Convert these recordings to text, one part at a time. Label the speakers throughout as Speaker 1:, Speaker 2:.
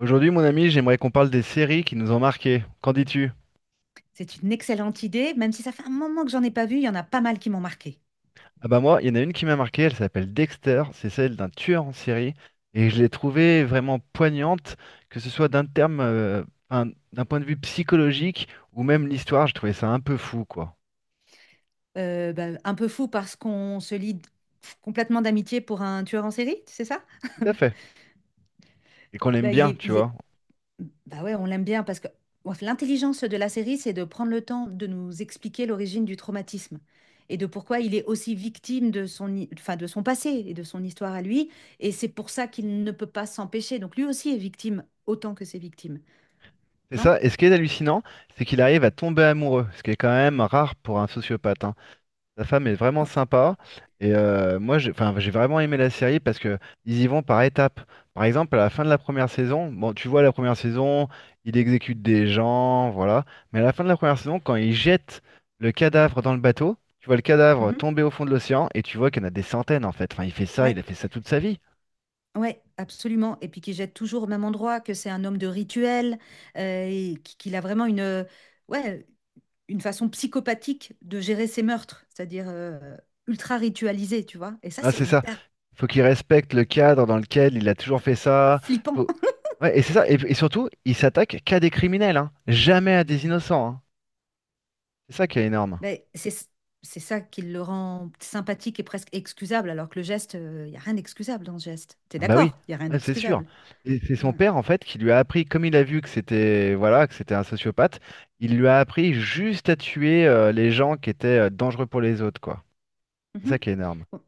Speaker 1: Aujourd'hui, mon ami, j'aimerais qu'on parle des séries qui nous ont marqués. Qu'en dis-tu?
Speaker 2: C'est une excellente idée, même si ça fait un moment que j'en ai pas vu, il y en a pas mal qui m'ont marqué.
Speaker 1: Ah bah moi, il y en a une qui m'a marqué, elle s'appelle Dexter, c'est celle d'un tueur en série, et je l'ai trouvée vraiment poignante, que ce soit d'un terme, un- d'un point de vue psychologique, ou même l'histoire, je trouvais ça un peu fou, quoi.
Speaker 2: Bah, un peu fou parce qu'on se lie complètement d'amitié pour un tueur en série, c'est ça?
Speaker 1: Tout à fait. Et qu'on l'aime
Speaker 2: Bah,
Speaker 1: bien, tu
Speaker 2: il
Speaker 1: vois.
Speaker 2: est Bah ouais, on l'aime bien parce que bon, l'intelligence de la série, c'est de prendre le temps de nous expliquer l'origine du traumatisme et de pourquoi il est aussi victime de son passé et de son histoire à lui. Et c'est pour ça qu'il ne peut pas s'empêcher. Donc lui aussi est victime autant que ses victimes,
Speaker 1: C'est
Speaker 2: non?
Speaker 1: ça, et ce qui est hallucinant, c'est qu'il arrive à tomber amoureux, ce qui est quand même rare pour un sociopathe, hein. Sa femme est vraiment
Speaker 2: Bon.
Speaker 1: sympa. Et moi, j'ai enfin, j'ai vraiment aimé la série parce que ils y vont par étapes. Par exemple, à la fin de la première saison, bon, tu vois, la première saison, il exécute des gens, voilà. Mais à la fin de la première saison, quand il jette le cadavre dans le bateau, tu vois le cadavre
Speaker 2: Mhm.
Speaker 1: tomber au fond de l'océan et tu vois qu'il y en a des centaines en fait. Enfin, il fait ça, il
Speaker 2: Ouais.
Speaker 1: a fait ça toute sa vie.
Speaker 2: Ouais, absolument. Et puis qui jette toujours au même endroit, que c'est un homme de rituel, et qu'il a vraiment une, ouais, une façon psychopathique de gérer ses meurtres, c'est-à-dire ultra ritualisé, tu vois. Et ça,
Speaker 1: Ah,
Speaker 2: c'est
Speaker 1: c'est ça.
Speaker 2: hyper
Speaker 1: Faut qu'il respecte le cadre dans lequel il a toujours fait ça.
Speaker 2: flippant.
Speaker 1: Faut- Ouais, et c'est ça. Et surtout, il s'attaque qu'à des criminels, hein. Jamais à des innocents, hein. C'est ça qui est énorme.
Speaker 2: Mais c'est ça qui le rend sympathique et presque excusable, alors que le geste, il n'y a rien d'excusable dans ce geste. T'es
Speaker 1: Bah oui,
Speaker 2: d'accord? Il n'y a rien
Speaker 1: ouais, c'est sûr.
Speaker 2: d'excusable.
Speaker 1: Et c'est son
Speaker 2: Ouais.
Speaker 1: père en fait qui lui a appris, comme il a vu que c'était voilà, que c'était un sociopathe, il lui a appris juste à tuer les gens qui étaient dangereux pour les autres, quoi. C'est
Speaker 2: Mhm.
Speaker 1: ça qui est énorme.
Speaker 2: Bon.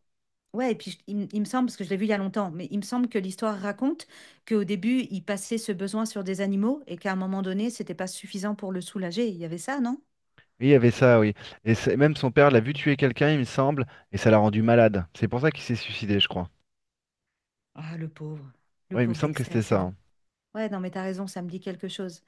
Speaker 2: Ouais, et puis je- il me semble, parce que je l'ai vu il y a longtemps, mais il me semble que l'histoire raconte qu'au début, il passait ce besoin sur des animaux et qu'à un moment donné, c'était pas suffisant pour le soulager. Il y avait ça, non?
Speaker 1: Oui, il y avait ça, oui. Même son père l'a vu tuer quelqu'un, il me semble, et ça l'a rendu malade. C'est pour ça qu'il s'est suicidé, je crois.
Speaker 2: Ah, le
Speaker 1: Oui, il me
Speaker 2: pauvre
Speaker 1: semble que
Speaker 2: Dexter,
Speaker 1: c'était
Speaker 2: c'est
Speaker 1: ça,
Speaker 2: bon.
Speaker 1: hein.
Speaker 2: Ouais, non, mais t'as raison, ça me dit quelque chose.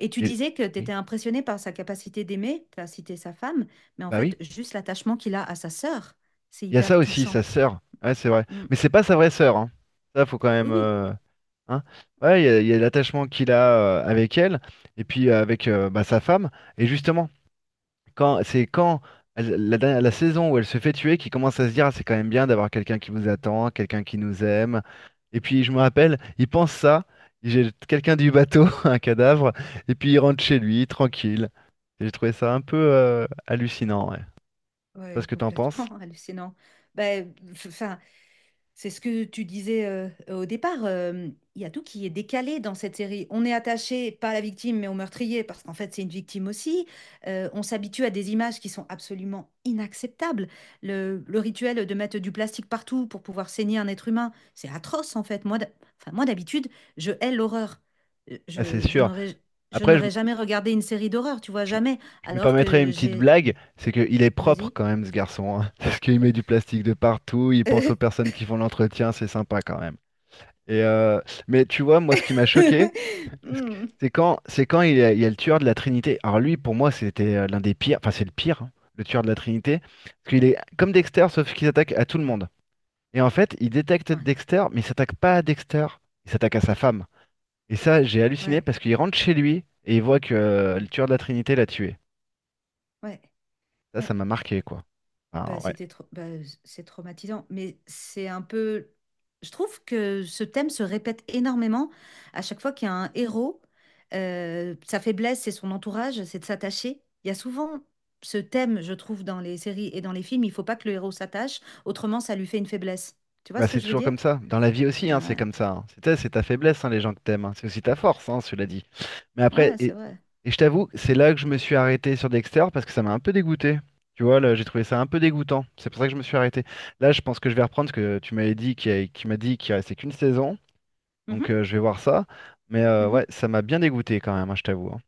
Speaker 2: Et tu
Speaker 1: Et...
Speaker 2: disais que t'étais
Speaker 1: Oui.
Speaker 2: impressionnée par sa capacité d'aimer, t'as cité sa femme, mais en
Speaker 1: Bah oui.
Speaker 2: fait, juste l'attachement qu'il a à sa sœur, c'est
Speaker 1: Il y a ça
Speaker 2: hyper
Speaker 1: aussi,
Speaker 2: touchant.
Speaker 1: sa sœur. Ouais, c'est vrai.
Speaker 2: Mm.
Speaker 1: Mais c'est pas sa vraie sœur, hein. Ça, faut quand
Speaker 2: Oui,
Speaker 1: même,
Speaker 2: oui,
Speaker 1: hein. Ouais, il y a, l'attachement qu'il a avec elle et puis avec bah, sa femme. Et justement, quand c'est quand la saison où elle se fait tuer qui commence à se dire, ah, c'est quand même bien d'avoir quelqu'un qui vous attend, quelqu'un qui nous aime. Et puis je me rappelle, il pense ça. Il jette quelqu'un du bateau, un cadavre, et puis il rentre chez lui tranquille. Et j'ai trouvé ça un peu hallucinant. Ouais. Je sais pas ce
Speaker 2: ouais,
Speaker 1: que t'en penses.
Speaker 2: complètement hallucinant. Ben, enfin. C'est ce que tu disais au départ. Il y a tout qui est décalé dans cette série. On est attaché, pas à la victime, mais au meurtrier, parce qu'en fait, c'est une victime aussi. On s'habitue à des images qui sont absolument inacceptables. Le rituel de mettre du plastique partout pour pouvoir saigner un être humain, c'est atroce, en fait. Moi, d'habitude, je hais l'horreur. Euh,
Speaker 1: Ah, c'est
Speaker 2: Je, je
Speaker 1: sûr.
Speaker 2: n'aurais, je
Speaker 1: Après,
Speaker 2: n'aurais jamais regardé une série d'horreur, tu vois,
Speaker 1: Je,
Speaker 2: jamais.
Speaker 1: je me
Speaker 2: Alors
Speaker 1: permettrais
Speaker 2: que
Speaker 1: une petite
Speaker 2: j'ai.
Speaker 1: blague, c'est qu'il est propre
Speaker 2: Vas-y.
Speaker 1: quand même ce garçon, hein, parce qu'il met du plastique de partout, il pense aux personnes qui font l'entretien, c'est sympa quand même. Et euh, mais tu vois, moi ce qui m'a choqué,
Speaker 2: Hmm.
Speaker 1: c'est quand, il y a le tueur de la Trinité. Alors lui, pour moi, c'était l'un des pires, enfin c'est le pire, hein, le tueur de la Trinité, parce qu'il est comme Dexter, sauf qu'il s'attaque à tout le monde. Et en fait, il détecte
Speaker 2: Ouais,
Speaker 1: Dexter, mais il s'attaque pas à Dexter, il s'attaque à sa femme. Et ça, j'ai halluciné
Speaker 2: ouais,
Speaker 1: parce qu'il rentre chez lui et il voit que le
Speaker 2: ouais,
Speaker 1: tueur de la Trinité l'a tué.
Speaker 2: ouais.
Speaker 1: Ça,
Speaker 2: Ouais.
Speaker 1: ça m'a marqué, quoi.
Speaker 2: Bah,
Speaker 1: Ah, ouais.
Speaker 2: bah, c'est traumatisant, mais c'est un peu. Je trouve que ce thème se répète énormément à chaque fois qu'il y a un héros. Sa faiblesse, c'est son entourage, c'est de s'attacher. Il y a souvent ce thème, je trouve, dans les séries et dans les films, il faut pas que le héros s'attache, autrement ça lui fait une faiblesse. Tu vois
Speaker 1: Bah,
Speaker 2: ce que
Speaker 1: c'est
Speaker 2: je veux
Speaker 1: toujours
Speaker 2: dire?
Speaker 1: comme ça. Dans la vie aussi, hein, c'est
Speaker 2: Ah,
Speaker 1: comme ça, hein. C'est ta faiblesse, hein, les gens que t'aimes, hein. C'est aussi ta force, hein, cela dit. Mais
Speaker 2: ouais,
Speaker 1: après,
Speaker 2: ouais, c'est
Speaker 1: et,
Speaker 2: vrai.
Speaker 1: et je t'avoue, c'est là que je me suis arrêté sur Dexter parce que ça m'a un peu dégoûté. Tu vois, là, j'ai trouvé ça un peu dégoûtant. C'est pour ça que je me suis arrêté. Là, je pense que je vais reprendre parce que tu m'avais dit qu'il y a- qu'il m'a dit qu'il restait qu'une saison. Donc,
Speaker 2: Mhm,
Speaker 1: je vais voir ça. Mais
Speaker 2: mhm.
Speaker 1: ouais, ça m'a bien dégoûté quand même, hein, je t'avoue, hein.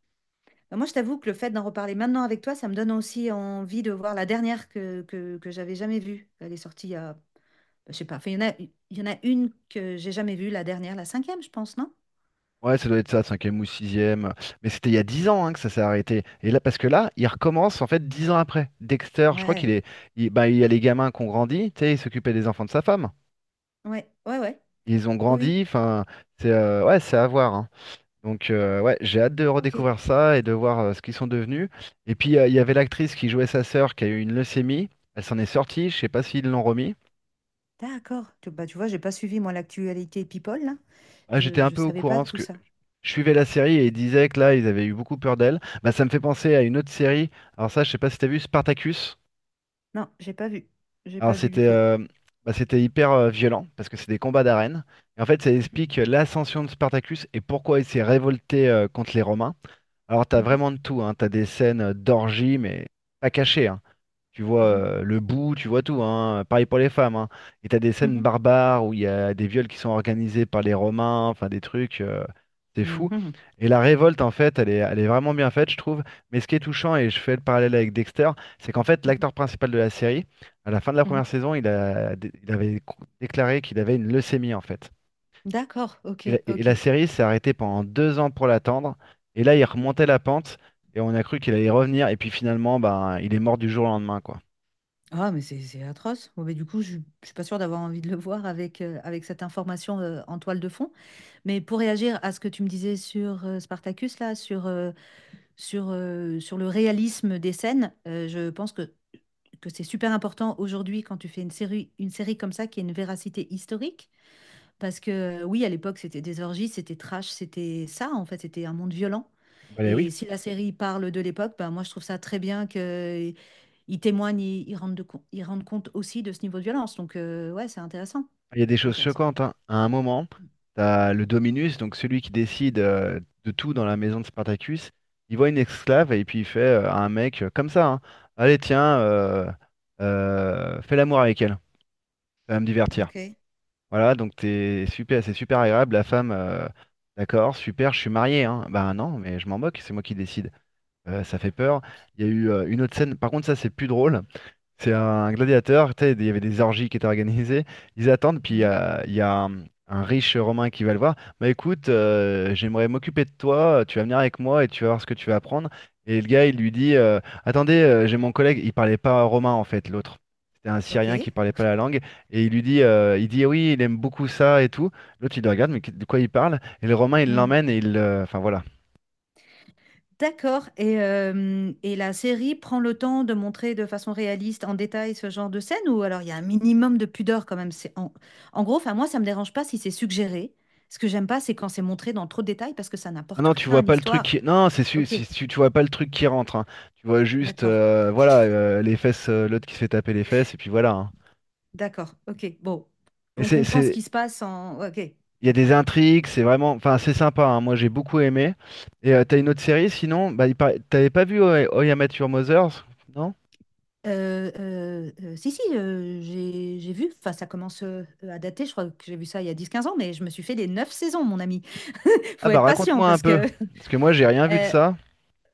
Speaker 2: Bah, moi, je t'avoue que le fait d'en reparler maintenant avec toi, ça me donne aussi envie de voir la dernière que j'avais jamais vue. Elle est sortie il y a. Je sais pas. Enfin, il y en a une que j'ai jamais vue, la dernière, la cinquième, je pense, non?
Speaker 1: Ouais, ça doit être ça, cinquième ou sixième. Mais c'était il y a 10 ans hein, que ça s'est arrêté. Et là, parce que là, il recommence en fait 10 ans après. Dexter, je crois qu'il
Speaker 2: Ouais,
Speaker 1: est, il, bah, il y a les gamins qui ont grandi, tu sais, ils s'occupaient des enfants de sa femme.
Speaker 2: ouais, ouais, ouais.
Speaker 1: Ils ont
Speaker 2: Oui, oui.
Speaker 1: grandi, enfin, c'est ouais, c'est à voir, hein. Donc ouais, j'ai hâte de
Speaker 2: Ok,
Speaker 1: redécouvrir ça et de voir ce qu'ils sont devenus. Et puis il y avait l'actrice qui jouait sa sœur qui a eu une leucémie. Elle s'en est sortie. Je sais pas s'ils l'ont remis.
Speaker 2: d'accord. Bah, tu vois, j'ai pas suivi, moi, l'actualité People, là.
Speaker 1: Ah, j'étais
Speaker 2: Je,
Speaker 1: un
Speaker 2: je
Speaker 1: peu au
Speaker 2: savais
Speaker 1: courant
Speaker 2: pas
Speaker 1: parce
Speaker 2: tout
Speaker 1: que
Speaker 2: ça.
Speaker 1: je suivais la série et ils disaient que là, ils avaient eu beaucoup peur d'elle. Bah, ça me fait penser à une autre série. Alors ça, je sais pas si t'as vu Spartacus.
Speaker 2: Non, j'ai pas vu. J'ai
Speaker 1: Alors
Speaker 2: pas vu du
Speaker 1: c'était
Speaker 2: tout.
Speaker 1: bah, c'était hyper violent parce que c'est des combats d'arène. Et en fait, ça explique l'ascension de Spartacus et pourquoi il s'est révolté contre les Romains. Alors t'as
Speaker 2: Mhm,
Speaker 1: vraiment de tout, hein. T'as des scènes d'orgie, mais pas cachées, hein. Tu vois
Speaker 2: mhm,
Speaker 1: le bout, tu vois tout, hein. Pareil pour les femmes, hein. Et t'as des scènes
Speaker 2: mhm,
Speaker 1: barbares où il y a des viols qui sont organisés par les Romains, enfin des trucs, c'est
Speaker 2: mhm,
Speaker 1: fou.
Speaker 2: mhm,
Speaker 1: Et la révolte, en fait, elle est vraiment bien faite, je trouve. Mais ce qui est touchant, et je fais le parallèle avec Dexter, c'est qu'en fait,
Speaker 2: mhm,
Speaker 1: l'acteur principal de la série, à la fin de la
Speaker 2: mhm.
Speaker 1: première saison, il avait déclaré qu'il avait une leucémie, en fait.
Speaker 2: D'accord, ok,
Speaker 1: Et la
Speaker 2: ok.
Speaker 1: série s'est arrêtée pendant 2 ans pour l'attendre. Et là, il remontait la pente, et on a cru qu'il allait y revenir. Et puis finalement, ben, il est mort du jour au lendemain, quoi.
Speaker 2: Ah, mais c'est atroce. Bon, mais du coup, je ne suis pas sûre d'avoir envie de le voir avec cette information en toile de fond. Mais pour réagir à ce que tu me disais sur Spartacus, là, sur le réalisme des scènes. Je pense que c'est super important aujourd'hui quand tu fais une série comme ça qui a une véracité historique. Parce que oui, à l'époque, c'était des orgies, c'était trash, c'était ça, en fait, c'était un monde violent.
Speaker 1: Bah oui.
Speaker 2: Et si la série parle de l'époque, ben, moi, je trouve ça très bien qu'ils témoignent, ils rendent compte aussi de ce niveau de violence. Donc, ouais, c'est intéressant.
Speaker 1: Il y a des choses
Speaker 2: Intéressant.
Speaker 1: choquantes, hein. À un moment,
Speaker 2: Mm.
Speaker 1: t'as le Dominus, donc celui qui décide de tout dans la maison de Spartacus. Il voit une esclave et puis il fait à un mec comme ça, hein, allez, tiens, fais l'amour avec elle, ça va me divertir.
Speaker 2: Ok.
Speaker 1: Voilà, donc t'es super, c'est super agréable. La femme, d'accord, super, je suis marié, hein. Ben non, mais je m'en moque, c'est moi qui décide. Ça fait peur. Il y a eu une autre scène, par contre, ça c'est plus drôle. C'est un gladiateur, tu sais, il y avait des orgies qui étaient organisées. Ils attendent, puis il y
Speaker 2: Mm-hmm.
Speaker 1: a, il y a un riche Romain qui va le voir. Bah écoute, j'aimerais m'occuper de toi, tu vas venir avec moi et tu vas voir ce que tu vas apprendre. Et le gars, il lui dit, attendez, j'ai mon collègue, il parlait pas romain en fait, l'autre. C'était un
Speaker 2: Ok.
Speaker 1: Syrien qui parlait pas la langue. Et il lui dit, il dit, oui, il aime beaucoup ça et tout. L'autre, il le regarde, mais de quoi il parle? Et le Romain, il
Speaker 2: Hmm.
Speaker 1: l'emmène et il... Enfin voilà.
Speaker 2: D'accord. Et la série prend le temps de montrer de façon réaliste, en détail, ce genre de scène ou alors il y a un minimum de pudeur quand même. C'est en. En gros, enfin moi, ça me dérange pas si c'est suggéré. Ce que j'aime pas, c'est quand c'est montré dans trop de détails parce que ça
Speaker 1: Ah
Speaker 2: n'apporte
Speaker 1: non,
Speaker 2: rien
Speaker 1: tu vois
Speaker 2: à
Speaker 1: pas le truc
Speaker 2: l'histoire.
Speaker 1: qui... Non,
Speaker 2: Ok.
Speaker 1: si tu vois pas le truc qui rentre, hein. Tu vois juste
Speaker 2: D'accord.
Speaker 1: voilà, les fesses, l'autre qui se fait taper les fesses, et puis voilà, hein.
Speaker 2: D'accord. Ok. Bon,
Speaker 1: Mais
Speaker 2: on comprend ce
Speaker 1: c'est...
Speaker 2: qui se passe en. Ok.
Speaker 1: Il y a des
Speaker 2: D'accord.
Speaker 1: intrigues, c'est vraiment... Enfin, c'est sympa, hein. Moi, j'ai beaucoup aimé. T'as une autre série, sinon... Bah, t'avais pas vu How I Met Your Mothers, non?
Speaker 2: Si, si, j'ai vu, enfin ça commence à dater, je crois que j'ai vu ça il y a 10 15 ans, mais je me suis fait les 9 saisons, mon ami.
Speaker 1: Ah
Speaker 2: Faut
Speaker 1: bah,
Speaker 2: être patient
Speaker 1: raconte-moi un
Speaker 2: parce
Speaker 1: peu.
Speaker 2: que
Speaker 1: Parce que moi, j'ai rien vu de
Speaker 2: euh,
Speaker 1: ça.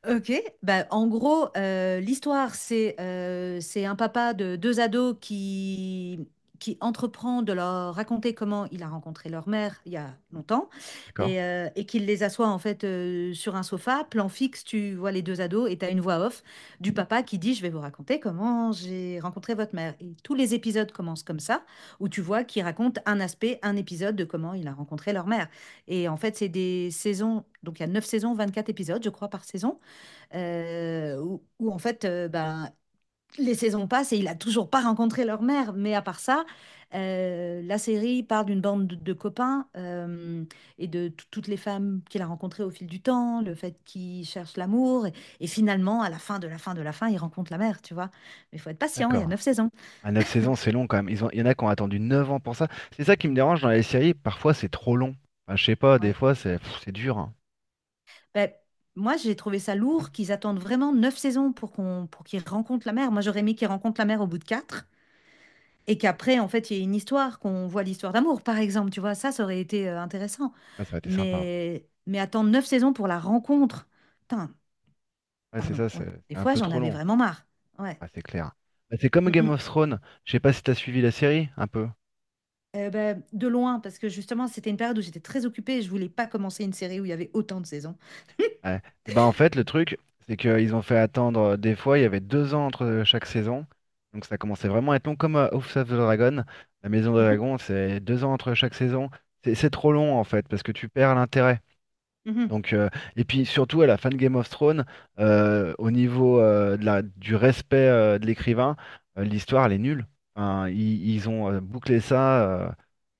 Speaker 2: Ok, bah, en gros, l'histoire, c'est un papa de deux ados qui entreprend de leur raconter comment il a rencontré leur mère il y a longtemps
Speaker 1: D'accord,
Speaker 2: et qu'il les assoit en fait sur un sofa, plan fixe, tu vois les deux ados et tu as une voix off du papa qui dit, je vais vous raconter comment j'ai rencontré votre mère. Et tous les épisodes commencent comme ça, où tu vois qu'il raconte un aspect, un épisode de comment il a rencontré leur mère. Et en fait, c'est des saisons, donc il y a neuf saisons, 24 épisodes, je crois, par saison, où, en fait, ben, les saisons passent et il a toujours pas rencontré leur mère. Mais à part ça, la série parle d'une bande de copains, et toutes les femmes qu'il a rencontrées au fil du temps, le fait qu'il cherche l'amour. Et finalement, à la fin de la fin de la fin, il rencontre la mère, tu vois. Mais il faut être patient, il y a
Speaker 1: d'accord.
Speaker 2: neuf saisons.
Speaker 1: À 9 saisons, c'est long quand même. Ils ont... Il y en a qui ont attendu 9 ans pour ça. C'est ça qui me dérange dans les séries. Parfois, c'est trop long. Enfin, je sais pas, des
Speaker 2: Ouais.
Speaker 1: fois, c'est pff, c'est dur, hein.
Speaker 2: Ben, moi, j'ai trouvé ça lourd qu'ils attendent vraiment neuf saisons pour qu'ils rencontrent la mère. Moi, j'aurais aimé qu'ils rencontrent la mère au bout de quatre. Et qu'après, en fait, il y ait une histoire, qu'on voit l'histoire d'amour, par exemple, tu vois, ça aurait été intéressant.
Speaker 1: Ah, ça a été sympa, hein.
Speaker 2: Mais attendre neuf saisons pour la rencontre. Putain,
Speaker 1: Ouais, c'est
Speaker 2: pardon,
Speaker 1: ça,
Speaker 2: ouais.
Speaker 1: c'est
Speaker 2: Des
Speaker 1: c'est un
Speaker 2: fois,
Speaker 1: peu
Speaker 2: j'en
Speaker 1: trop
Speaker 2: avais
Speaker 1: long.
Speaker 2: vraiment marre. Ouais.
Speaker 1: Ah, c'est clair. Bah, c'est comme
Speaker 2: Mm,
Speaker 1: Game
Speaker 2: mm.
Speaker 1: of Thrones. Je sais pas si t'as suivi la série, un peu.
Speaker 2: Ben, de loin, parce que justement, c'était une période où j'étais très occupée et je voulais pas commencer une série où il y avait autant de saisons.
Speaker 1: Ouais. Et ben en fait, le truc, c'est qu'ils ont fait attendre des fois, il y avait 2 ans entre chaque saison. Donc ça commençait vraiment à être long, comme House of the Dragon. La Maison des
Speaker 2: Mhm,
Speaker 1: Dragons, c'est 2 ans entre chaque saison. C'est trop long en fait, parce que tu perds l'intérêt.
Speaker 2: mhm,
Speaker 1: Donc, et puis surtout à la fin de Game of Thrones, au niveau du respect de l'écrivain, l'histoire elle est nulle. Enfin, ils ont bouclé ça,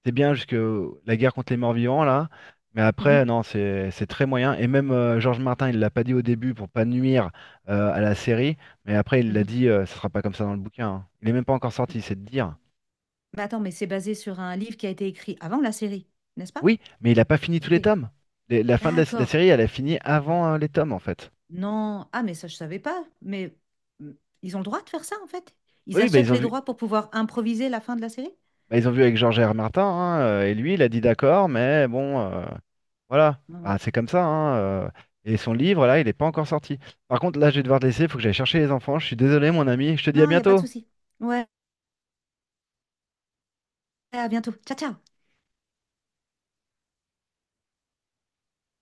Speaker 1: c'est bien jusque la guerre contre les morts-vivants là, mais après
Speaker 2: mhm,
Speaker 1: non, c'est très moyen. Et même George Martin, il l'a pas dit au début pour pas nuire à la série, mais après il l'a
Speaker 2: mhm.
Speaker 1: dit, ça sera pas comme ça dans le bouquin, hein. Il est même pas encore sorti, c'est de dire.
Speaker 2: Mais attends, mais c'est basé sur un livre qui a été écrit avant la série, n'est-ce pas?
Speaker 1: Oui, mais il a pas fini tous
Speaker 2: Ok.
Speaker 1: les tomes. La fin de la
Speaker 2: D'accord.
Speaker 1: série, elle a fini avant les tomes en fait.
Speaker 2: Non, ah mais ça je savais pas, mais mm, ils ont le droit de faire ça en fait.
Speaker 1: Oui,
Speaker 2: Ils
Speaker 1: oui,
Speaker 2: achètent les droits pour pouvoir improviser la fin de la série.
Speaker 1: bah, ils ont vu avec Georges R. Martin, hein, et lui, il a dit d'accord, mais bon, voilà,
Speaker 2: Ah,
Speaker 1: bah,
Speaker 2: ouais.
Speaker 1: c'est comme ça, hein, et son livre, là, il n'est pas encore sorti. Par contre, là, je vais devoir te laisser, il faut que j'aille chercher les enfants. Je suis désolé, mon ami, je te dis à
Speaker 2: Non, il n'y a pas de
Speaker 1: bientôt.
Speaker 2: souci. Ouais, à bientôt. Ciao, ciao.